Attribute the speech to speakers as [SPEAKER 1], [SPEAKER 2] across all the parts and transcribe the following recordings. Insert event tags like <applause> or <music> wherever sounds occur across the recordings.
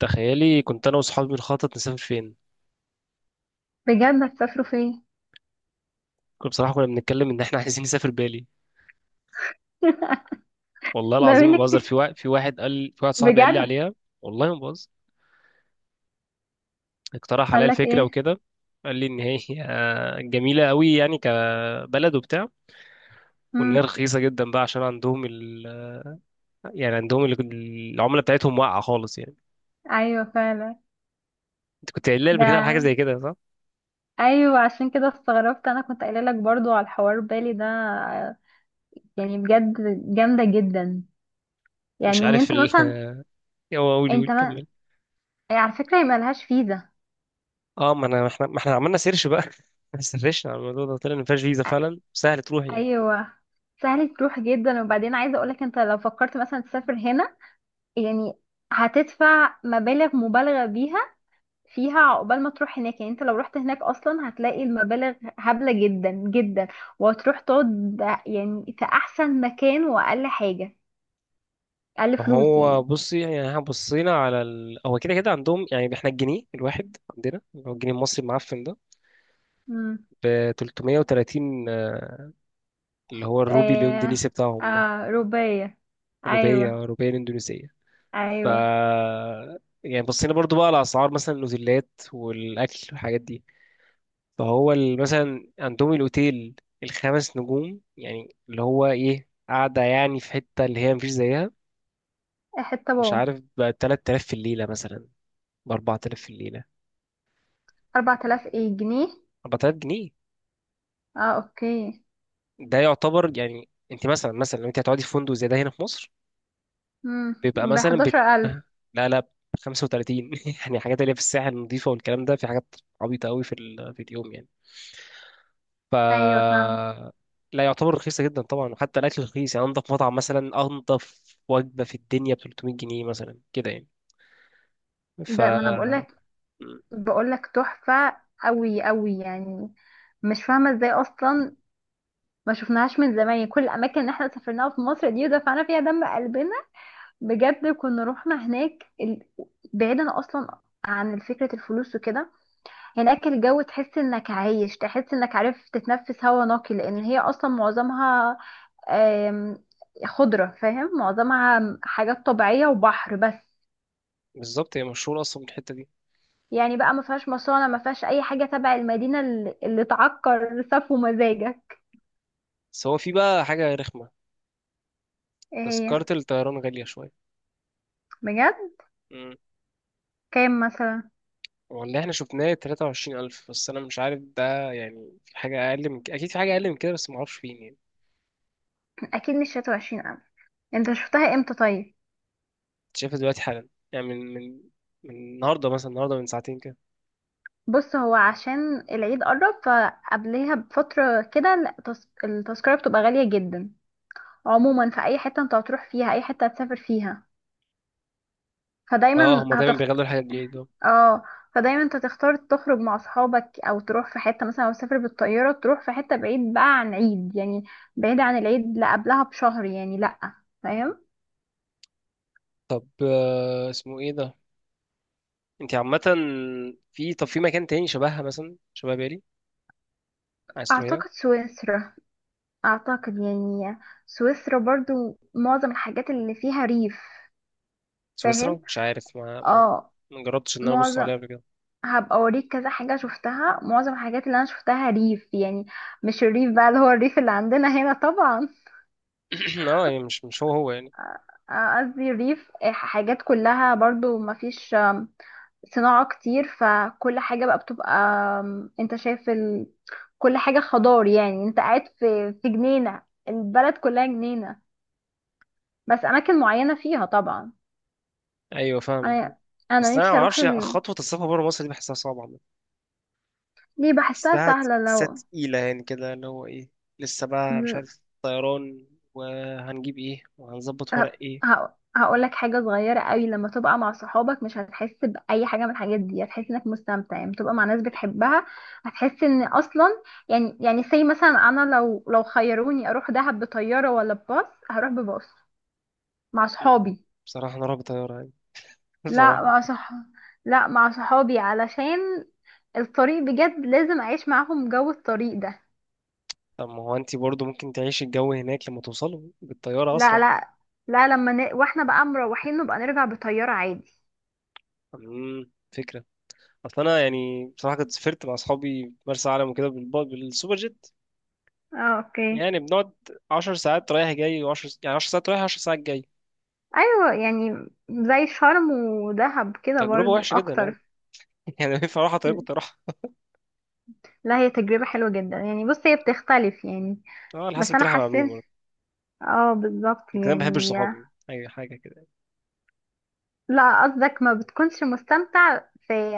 [SPEAKER 1] تخيلي كنت انا وصحابي بنخطط نسافر فين.
[SPEAKER 2] بجد هتسافروا فين؟
[SPEAKER 1] بصراحه كنا بنتكلم ان احنا عايزين نسافر بالي. والله
[SPEAKER 2] <laughs> ده
[SPEAKER 1] العظيم ما
[SPEAKER 2] منك؟
[SPEAKER 1] بهزر، في واحد صاحبي قال لي
[SPEAKER 2] بجد؟
[SPEAKER 1] عليها. والله ما بهزر، اقترح عليا
[SPEAKER 2] قال لك
[SPEAKER 1] الفكره
[SPEAKER 2] ايه؟
[SPEAKER 1] وكده. قال لي ان هي <laughs> جميله قوي يعني، كبلد وبتاع، وان هي
[SPEAKER 2] امم.
[SPEAKER 1] رخيصه جدا بقى عشان عندهم يعني عندهم العمله بتاعتهم واقعه خالص يعني.
[SPEAKER 2] ايوه فعلا.
[SPEAKER 1] انت كنت قايل لي قبل كده على حاجه زي
[SPEAKER 2] ده.
[SPEAKER 1] كده صح؟
[SPEAKER 2] ايوه عشان كده استغربت، انا كنت قايله لك برضو على الحوار بالي ده، يعني بجد جامده جدا.
[SPEAKER 1] مش
[SPEAKER 2] يعني ان
[SPEAKER 1] عارف
[SPEAKER 2] انت مثلا
[SPEAKER 1] <laughs> هو قول قول
[SPEAKER 2] انت ما...
[SPEAKER 1] كمل.
[SPEAKER 2] على فكره هي ملهاش فيزا.
[SPEAKER 1] اه، ما انا ما احنا ما احنا عملنا سيرش بقى، <laughs> سرشنا على الموضوع ده طلع ان مفيهاش فيزا،
[SPEAKER 2] أ-
[SPEAKER 1] فعلا سهل تروح يعني.
[SPEAKER 2] ايوه. سهل تروح جدا، وبعدين عايزه اقولك انت لو فكرت مثلا تسافر هنا، يعني هتدفع مبالغ مبالغه بيها فيها عقبال ما تروح هناك، يعني انت لو رحت هناك اصلا هتلاقي المبالغ هبلة جدا جدا، وهتروح تقعد يعني في احسن مكان واقل حاجة اقل فلوس
[SPEAKER 1] هو
[SPEAKER 2] يعني.
[SPEAKER 1] بصي، يعني احنا بصينا على هو كده كده عندهم، يعني احنا الجنيه الواحد عندنا اللي هو الجنيه المصري المعفن ده
[SPEAKER 2] امم.
[SPEAKER 1] ب 330، اللي هو الروبي الاندونيسي
[SPEAKER 2] آه.
[SPEAKER 1] بتاعهم ده.
[SPEAKER 2] آه رباية. ايوه.
[SPEAKER 1] روبية الاندونيسية. ف
[SPEAKER 2] ايوه.
[SPEAKER 1] يعني بصينا برضو بقى على اسعار مثلا الاوتيلات والاكل والحاجات دي. مثلا عندهم الاوتيل الخمس نجوم، يعني اللي هو ايه، قاعدة يعني في حتة اللي هي مفيش زيها.
[SPEAKER 2] حتة
[SPEAKER 1] مش
[SPEAKER 2] بوم.
[SPEAKER 1] عارف، ب 3000 في الليلة مثلا، ب 4000 في الليلة.
[SPEAKER 2] 4000 ايه، جنيه؟
[SPEAKER 1] 4000 جنيه.
[SPEAKER 2] اه، اوكي.
[SPEAKER 1] ده يعتبر يعني انت مثلا، لو انت هتقعدي في فندق زي ده هنا في مصر
[SPEAKER 2] امم،
[SPEAKER 1] بيبقى
[SPEAKER 2] ب 11000.
[SPEAKER 1] لا لا، 35، <laughs> يعني حاجات اللي هي في الساحل النظيفة والكلام ده. في حاجات عبيطة قوي في في اليوم يعني. ف
[SPEAKER 2] ايوه فاهم.
[SPEAKER 1] لا، يعتبر رخيصة جدا طبعا. وحتى الأكل رخيص يعني، أنضف مطعم مثلا، وجبة في الدنيا ب 300 جنيه مثلا كده يعني. ف
[SPEAKER 2] ده ما انا بقول لك، بقول لك تحفة قوي قوي يعني. مش فاهمة ازاي اصلا ما شفناهاش من زمان يعني. كل الاماكن اللي احنا سافرناها في مصر دي ودفعنا فيها دم قلبنا. بجد كنا رحنا هناك بعيدا اصلا عن فكرة الفلوس وكده. هناك الجو تحس انك عايش، تحس انك عارف تتنفس هوا نقي لان هي اصلا معظمها آم، خضرة. فاهم؟ معظمها حاجات طبيعية وبحر بس.
[SPEAKER 1] بالظبط، هي مشهورة أصلا من الحتة دي.
[SPEAKER 2] يعني بقى ما فيهاش مصانع، ما فيهاش اي حاجة تبع المدينة اللي تعكر سفو مزاجك.
[SPEAKER 1] بس هو في بقى حاجة رخمة،
[SPEAKER 2] ايه؟ هي.
[SPEAKER 1] تذكرة الطيران غالية شوية.
[SPEAKER 2] بجد. كام مثلا؟
[SPEAKER 1] والله احنا شفناه 23000، بس انا مش عارف، ده يعني في حاجة اقل من كده، اكيد في حاجة اقل من كده بس معرفش فين يعني.
[SPEAKER 2] اكيد مش 23. انت شفتها امتى طيب؟
[SPEAKER 1] أنت شايفها دلوقتي حالا يعني، من النهاردة مثلا، النهاردة من ساعتين كده.
[SPEAKER 2] بص هو عشان العيد قرب، فقبليها بفترة كده التذكرة بتبقى غالية جدا. عموما في اي حتة انت هتروح فيها، اي حتة هتسافر فيها،
[SPEAKER 1] اه،
[SPEAKER 2] فدايما
[SPEAKER 1] هما دايما
[SPEAKER 2] هتخت.
[SPEAKER 1] بيغلوا الحاجات بالليل ده.
[SPEAKER 2] اه. فدايما انت تختار تخرج مع اصحابك او تروح في حتة، مثلا لو تسافر بالطيارة تروح في حتة بعيد بقى عن عيد يعني. بعيد عن العيد، لا قبلها بشهر يعني، لا. فاهم.
[SPEAKER 1] طب اسمه ايه ده. انت عامة في، طب في مكان تاني شبهها، مثلا شبه بالي، عايز تروحيها؟
[SPEAKER 2] اعتقد سويسرا، اعتقد يعني. سويسرا برضو معظم الحاجات اللي فيها ريف.
[SPEAKER 1] سويسرا؟
[SPEAKER 2] فاهم.
[SPEAKER 1] مش عارف،
[SPEAKER 2] اه.
[SPEAKER 1] ما جربتش ان انا ابص
[SPEAKER 2] معظم.
[SPEAKER 1] عليها قبل كده.
[SPEAKER 2] هبقى اوريك كذا حاجة شفتها. معظم الحاجات اللي انا شفتها ريف يعني، مش الريف بقى اللي هو الريف اللي عندنا هنا طبعا.
[SPEAKER 1] <clears throat> اه يعني مش هو يعني.
[SPEAKER 2] قصدي الريف. حاجات كلها برضو مفيش صناعة كتير، فكل حاجة بقى بتبقى انت شايف كل حاجة خضار يعني. انت قاعد في جنينة. البلد كلها جنينة، بس اماكن معينة فيها طبعا.
[SPEAKER 1] ايوه فاهم.
[SPEAKER 2] انا
[SPEAKER 1] بس
[SPEAKER 2] انا
[SPEAKER 1] انا ما
[SPEAKER 2] نفسي اروح
[SPEAKER 1] اعرفش، خطوة السفر بره مصر دي بحسها صعبة.
[SPEAKER 2] ليه؟ بحسها
[SPEAKER 1] الساعة
[SPEAKER 2] سهلة
[SPEAKER 1] تسعة
[SPEAKER 2] لو.
[SPEAKER 1] تقيلة يعني كده، اللي هو ايه، لسه بقى مش عارف طيران وهنجيب ايه وهنظبط ورق
[SPEAKER 2] ه-
[SPEAKER 1] ايه.
[SPEAKER 2] هقولك حاجة صغيرة قوي: لما تبقى مع صحابك مش هتحس بأي حاجة من الحاجات دي، هتحس انك مستمتع يعني تبقى مع ناس بتحبها، هتحس ان اصلا يعني. يعني سي مثلا انا لو خيروني اروح دهب بطيارة ولا بباص، هروح بباص مع صحابي.
[SPEAKER 1] بصراحة أنا رعب طيارة يعني، <laughs>
[SPEAKER 2] لا
[SPEAKER 1] بصراحة.
[SPEAKER 2] مع صح. لا مع صحابي علشان الطريق بجد، لازم اعيش معاهم جو الطريق ده.
[SPEAKER 1] طب ما هو أنت برضه ممكن تعيشي الجو هناك لما توصلوا بالطيارة
[SPEAKER 2] لا،
[SPEAKER 1] أسرع.
[SPEAKER 2] لا. لا واحنا بقى مروحين نبقى نرجع بطيارة عادي.
[SPEAKER 1] امم، فكرة. أصل أنا يعني بصراحة كنت سافرت مع أصحابي مرسى علم وكده بالسوبر جيت.
[SPEAKER 2] اه، اوكي.
[SPEAKER 1] يعني بنقعد 10 ساعات رايح جاي، وعشر يعني 10 ساعات رايح 10 ساعات جاي.
[SPEAKER 2] ايوه، يعني زي شرم ودهب كده
[SPEAKER 1] تجربة
[SPEAKER 2] برضو
[SPEAKER 1] وحشة جدا يعني.
[SPEAKER 2] اكتر.
[SPEAKER 1] <laughs> يعني لو ينفع أروح على طريق كنت أروح.
[SPEAKER 2] لا، هي تجربة حلوة جدا يعني. بص هي بتختلف يعني.
[SPEAKER 1] أه، على حسب
[SPEAKER 2] بس
[SPEAKER 1] كنت
[SPEAKER 2] انا
[SPEAKER 1] رايحة مع مين
[SPEAKER 2] حسيت.
[SPEAKER 1] برضه.
[SPEAKER 2] اه، بالظبط
[SPEAKER 1] يمكن أنا ما بحبش
[SPEAKER 2] يعني.
[SPEAKER 1] صحابي أي حاجة كده،
[SPEAKER 2] لا قصدك ما بتكونش مستمتع في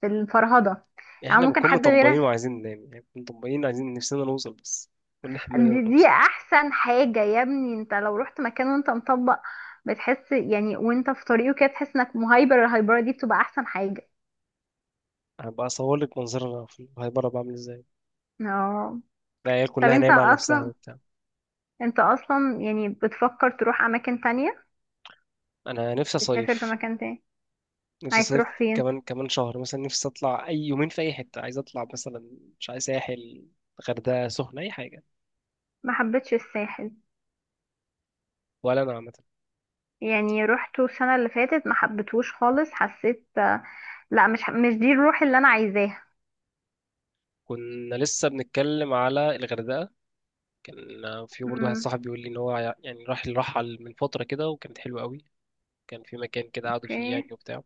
[SPEAKER 2] في الفرهدة؟
[SPEAKER 1] يعني
[SPEAKER 2] يعني
[SPEAKER 1] احنا
[SPEAKER 2] ممكن
[SPEAKER 1] بنكون
[SPEAKER 2] حد
[SPEAKER 1] مطبقين
[SPEAKER 2] غيرها.
[SPEAKER 1] وعايزين ننام يعني. بنكون مطبقين عايزين نفسنا نوصل بس، كل حملنا
[SPEAKER 2] دي
[SPEAKER 1] نوصل.
[SPEAKER 2] احسن حاجة يا ابني. انت لو رحت مكان وانت مطبق بتحس يعني وانت في طريقه كده، تحس انك مهايبر، الهايبرة دي بتبقى احسن حاجة.
[SPEAKER 1] هبقى اصور لك منظرنا في الهايبره بعمل ازاي.
[SPEAKER 2] اه.
[SPEAKER 1] العيال
[SPEAKER 2] طب
[SPEAKER 1] كلها
[SPEAKER 2] انت
[SPEAKER 1] نايمه على نفسها
[SPEAKER 2] اصلا،
[SPEAKER 1] وبتاع.
[SPEAKER 2] انت اصلا يعني بتفكر تروح اماكن تانية؟
[SPEAKER 1] انا نفسي
[SPEAKER 2] بتسافر في
[SPEAKER 1] صيف.
[SPEAKER 2] مكان تاني؟
[SPEAKER 1] نفسي
[SPEAKER 2] عايز
[SPEAKER 1] صيف
[SPEAKER 2] تروح فين؟
[SPEAKER 1] كمان كمان شهر مثلا، نفسي اطلع اي يومين في اي حته. عايز اطلع مثلا، مش عايز ساحل. غردقه، سخنه، اي حاجه.
[SPEAKER 2] ما حبيتش الساحل.
[SPEAKER 1] ولا انا عامه.
[SPEAKER 2] يعني روحته السنة اللي فاتت ما حبيتهوش خالص، حسيت لا، مش دي الروح اللي انا عايزاها.
[SPEAKER 1] كنا لسه بنتكلم على الغردقه، كان في برضه واحد
[SPEAKER 2] امم.
[SPEAKER 1] صاحبي بيقول لي ان هو يعني راح الرحل من فتره كده وكانت حلوه قوي. كان في مكان كده قعدوا فيه
[SPEAKER 2] اوكي.
[SPEAKER 1] يعني وبتاع.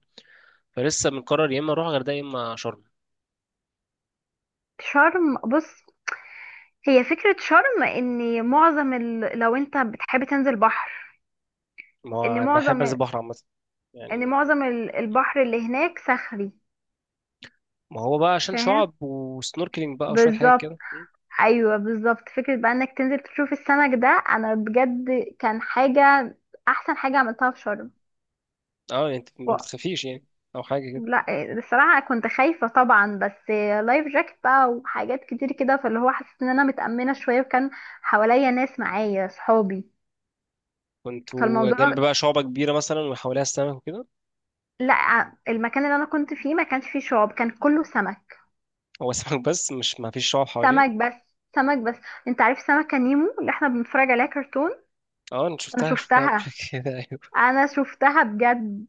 [SPEAKER 1] فلسه بنقرر يا اما اروح غردقه يا اما شرم.
[SPEAKER 2] شرم بص، هي فكرة شرم ان معظم لو انت بتحب تنزل بحر،
[SPEAKER 1] ما
[SPEAKER 2] ان
[SPEAKER 1] هو بحب انزل
[SPEAKER 2] معظم
[SPEAKER 1] بحر عامه
[SPEAKER 2] ان
[SPEAKER 1] يعني.
[SPEAKER 2] معظم البحر اللي هناك صخري.
[SPEAKER 1] ما هو بقى عشان
[SPEAKER 2] فاهم.
[SPEAKER 1] شعب وسنوركلينج بقى وشويه حاجات
[SPEAKER 2] بالظبط.
[SPEAKER 1] كده.
[SPEAKER 2] ايوه بالظبط، فكرة بقى انك تنزل تشوف السمك ده، انا بجد كان حاجة، احسن حاجة عملتها في شرم.
[SPEAKER 1] اه يعني انت ما بتخافيش يعني او حاجه كده؟
[SPEAKER 2] لا. الصراحة كنت خايفة طبعا، بس لايف جاكت بقى وحاجات كتير كده، فاللي هو حسيت ان انا متأمنة شوية، وكان حواليا ناس معايا صحابي.
[SPEAKER 1] كنتوا
[SPEAKER 2] فالموضوع.
[SPEAKER 1] جنب بقى شعبه كبيره مثلا وحواليها السمك وكده؟
[SPEAKER 2] لا المكان اللي انا كنت فيه ما كانش فيه شعاب، كان كله سمك.
[SPEAKER 1] هو سمك بس مش ما فيش شعب حواليه؟
[SPEAKER 2] سمك بس سمك بس. انت عارف سمكة نيمو اللي احنا بنتفرج عليها كرتون؟
[SPEAKER 1] اه انا
[SPEAKER 2] انا
[SPEAKER 1] شفتها قبل
[SPEAKER 2] شفتها.
[SPEAKER 1] كده. <laughs> ايوه،
[SPEAKER 2] انا شفتها بجد.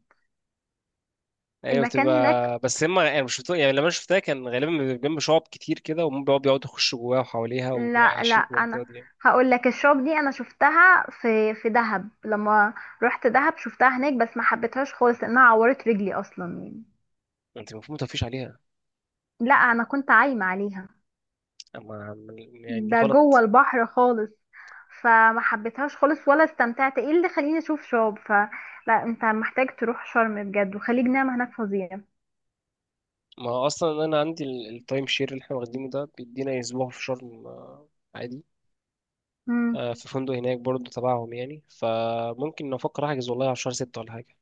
[SPEAKER 1] ايوه
[SPEAKER 2] المكان هناك.
[SPEAKER 1] بتبقى بس هما يعني مش شفتها. يعني لما أنا شفتها كان غالبا بيبقى جنب شعب كتير كده، وهم بيقعدوا يخشوا جواها وحواليها، وبيبقوا
[SPEAKER 2] لا لا،
[SPEAKER 1] عايشين في المنطقه
[SPEAKER 2] انا
[SPEAKER 1] دي يعني.
[SPEAKER 2] هقول لك الشوب دي انا شفتها في في دهب، لما رحت دهب شفتها هناك بس ما حبيتهاش خالص لانها عورت رجلي اصلا يعني.
[SPEAKER 1] انت المفروض ما تطفيش عليها.
[SPEAKER 2] لا انا كنت عايمه عليها.
[SPEAKER 1] اما يعني
[SPEAKER 2] ده جوه
[SPEAKER 1] غلط.
[SPEAKER 2] البحر خالص. فما حبيتهاش خالص ولا استمتعت. ايه اللي خليني اشوف شوب؟ فلا انت محتاج تروح شرم بجد، وخليج نعمة هناك فظيع.
[SPEAKER 1] ما هو اصلا انا عندي التايم شير اللي احنا واخدينه ده بيدينا اسبوع في شرم، عادي.
[SPEAKER 2] امم.
[SPEAKER 1] في فندق هناك برضو تبعهم يعني، فممكن نفكر احجز والله على شهر 6 ولا حاجة.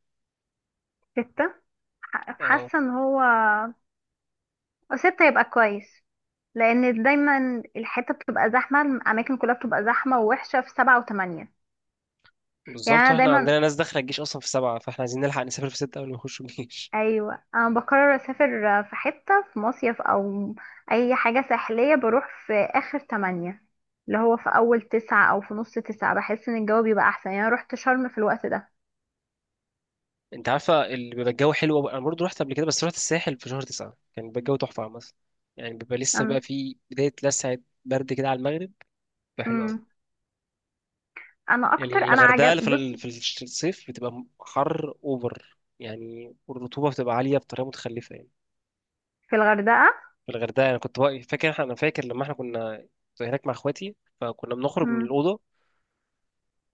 [SPEAKER 2] ستة. ح-
[SPEAKER 1] اه
[SPEAKER 2] حاسه ان هو ستة يبقى كويس، لان دايما الحته بتبقى زحمه، الاماكن كلها بتبقى زحمه ووحشه في سبعة وثمانية.
[SPEAKER 1] بالظبط،
[SPEAKER 2] يعني انا
[SPEAKER 1] واحنا
[SPEAKER 2] دايما،
[SPEAKER 1] عندنا ناس داخلة الجيش اصلا في 7، فاحنا عايزين نلحق نسافر في 6 قبل ما يخشوا الجيش.
[SPEAKER 2] ايوه انا بقرر اسافر في حته في مصيف او اي حاجه ساحليه بروح في اخر تمانية اللي هو في اول تسعة او في نص تسعة، بحس ان الجو بيبقى احسن يعني. انا رحت شرم في الوقت ده.
[SPEAKER 1] <laughs> انت عارفة اللي بيبقى الجو حلو أوي، انا برضو رحت قبل كده بس رحت الساحل في شهر 9، كان بيبقى الجو تحفة مثلا. يعني بيبقى لسه بقى
[SPEAKER 2] أم.
[SPEAKER 1] في بداية لسعة، برد كده على المغرب، بيبقى حلو أوي.
[SPEAKER 2] أم. انا اكتر انا
[SPEAKER 1] الغردقة في
[SPEAKER 2] عجب بص.
[SPEAKER 1] في الصيف بتبقى حر أوفر يعني، والرطوبة بتبقى عالية بطريقة متخلفة يعني.
[SPEAKER 2] في الغردقه.
[SPEAKER 1] في الغردقة أنا كنت أنا فاكر لما إحنا كنا كنت هناك مع إخواتي، فكنا بنخرج من
[SPEAKER 2] أم.
[SPEAKER 1] الأوضة.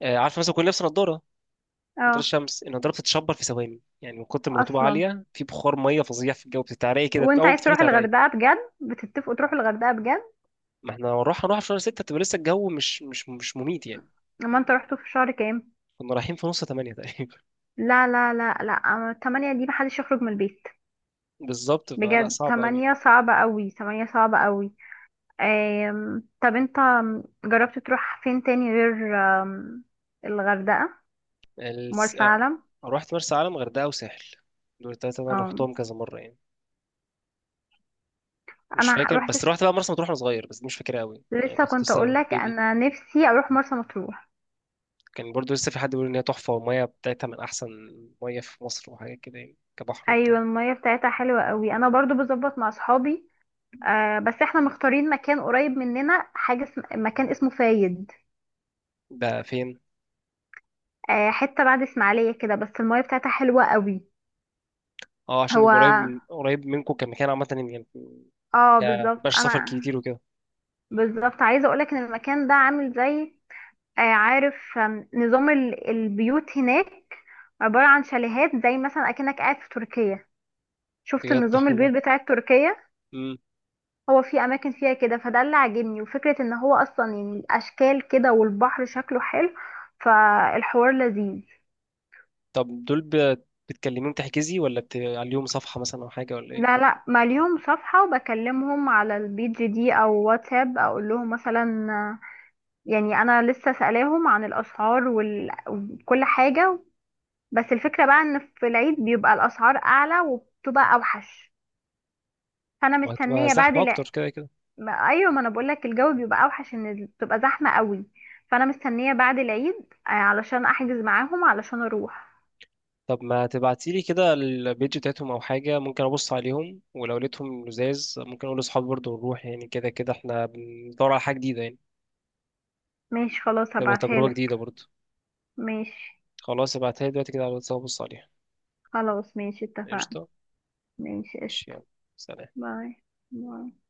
[SPEAKER 1] عارف مثلا كنا لابس نضارة، نضارة
[SPEAKER 2] اه،
[SPEAKER 1] الشمس، النضارة بتتشبر في ثواني يعني من كتر ما الرطوبة
[SPEAKER 2] اصلا
[SPEAKER 1] عالية، في بخار مية فظيع في الجو، بتتعرقي كده
[SPEAKER 2] وانت
[SPEAKER 1] أول ما
[SPEAKER 2] عايز
[SPEAKER 1] بتدخلي
[SPEAKER 2] تروح
[SPEAKER 1] تعرقي.
[SPEAKER 2] الغردقه بجد؟ بتتفقوا تروحوا الغردقه بجد؟
[SPEAKER 1] ما إحنا هنروح في شهر 6، بتبقى لسه الجو مش مميت يعني.
[SPEAKER 2] اما انت رحتوا في شهر كام؟
[SPEAKER 1] كنا رايحين في نص 8 تقريبا. <laughs>
[SPEAKER 2] لا لا لا لا، أما تمانية دي محدش يخرج من البيت.
[SPEAKER 1] بالظبط، فلا
[SPEAKER 2] بجد
[SPEAKER 1] صعب أوي.
[SPEAKER 2] تمانية صعبة قوي، تمانية صعبة قوي. طب انت جربت تروح فين تاني غير أم... الغردقة؟ مرسى
[SPEAKER 1] آه.
[SPEAKER 2] علم.
[SPEAKER 1] رحت مرسى علم، غردقة، وساحل. دول التلاتة اللي أنا
[SPEAKER 2] أم...
[SPEAKER 1] رحتهم كذا مرة يعني. مش فاكر
[SPEAKER 2] روحت.
[SPEAKER 1] بس رحت بقى مرسى مطروح وأنا صغير، بس دي مش فاكرها أوي يعني،
[SPEAKER 2] لسه
[SPEAKER 1] كنت
[SPEAKER 2] كنت اقول
[SPEAKER 1] لسه
[SPEAKER 2] لك
[SPEAKER 1] بيبي.
[SPEAKER 2] انا نفسي اروح مرسى مطروح.
[SPEAKER 1] كان برضو لسه في حد بيقول إن هي تحفة والمية بتاعتها من أحسن مية في مصر وحاجات كده يعني، كبحر وبتاع.
[SPEAKER 2] ايوه المية بتاعتها حلوة قوي، انا برضو بظبط مع صحابي. أه بس احنا مختارين مكان قريب مننا، حاجة مكان اسمه فايد.
[SPEAKER 1] ده فين؟
[SPEAKER 2] أه حتة بعد اسماعيلية كده بس المية بتاعتها حلوة قوي.
[SPEAKER 1] اه عشان
[SPEAKER 2] هو.
[SPEAKER 1] يبقى قريب، من قريب منكم كمكان عامة يعني،
[SPEAKER 2] اه بالظبط.
[SPEAKER 1] مبقاش سفر
[SPEAKER 2] انا
[SPEAKER 1] كتير وكده.
[SPEAKER 2] بالظبط عايزه اقولك ان المكان ده عامل زي عارف نظام البيوت هناك عباره عن شاليهات، زي مثلا اكنك قاعد في تركيا. شفت
[SPEAKER 1] بجد
[SPEAKER 2] النظام البيوت
[SPEAKER 1] والله.
[SPEAKER 2] بتاع تركيا؟
[SPEAKER 1] مم.
[SPEAKER 2] هو في اماكن فيها كده، فده اللي عاجبني. وفكره ان هو اصلا يعني الاشكال كده والبحر شكله حلو، فالحوار لذيذ.
[SPEAKER 1] طب دول بتكلميهم تحجزي ولا عليهم صفحة مثلا أو حاجة ولا
[SPEAKER 2] لا
[SPEAKER 1] إيه؟
[SPEAKER 2] لا ماليهم صفحه، وبكلمهم على البيج دي او واتساب اقول لهم مثلا. يعني انا لسه سألاهم عن الاسعار وكل حاجة. بس الفكرة بقى ان في العيد بيبقى الاسعار اعلى وبتبقى اوحش، فانا
[SPEAKER 1] وهتبقى
[SPEAKER 2] مستنية بعد
[SPEAKER 1] زحمة أكتر كده.
[SPEAKER 2] ايوه، ما انا بقولك الجو بيبقى اوحش، ان بتبقى زحمة قوي، فانا مستنية بعد العيد علشان احجز معاهم علشان اروح.
[SPEAKER 1] طب ما تبعتيلي كده البيج بتاعتهم او حاجه، ممكن ابص عليهم، ولو لقيتهم لزاز ممكن اقول لاصحابي برضه ونروح، يعني كده كده احنا بندور على حاجه جديده يعني،
[SPEAKER 2] ماشي خلاص،
[SPEAKER 1] تبقى
[SPEAKER 2] هبعتها
[SPEAKER 1] تجربه
[SPEAKER 2] لك.
[SPEAKER 1] جديده برضه.
[SPEAKER 2] ماشي.
[SPEAKER 1] خلاص ابعتها لي دلوقتي كده على الواتساب ابص عليها.
[SPEAKER 2] خلاص ماشي اتفقنا.
[SPEAKER 1] قشطه.
[SPEAKER 2] ماشي
[SPEAKER 1] ماشي،
[SPEAKER 2] قشطة.
[SPEAKER 1] يلا. سلام.
[SPEAKER 2] باي. باي.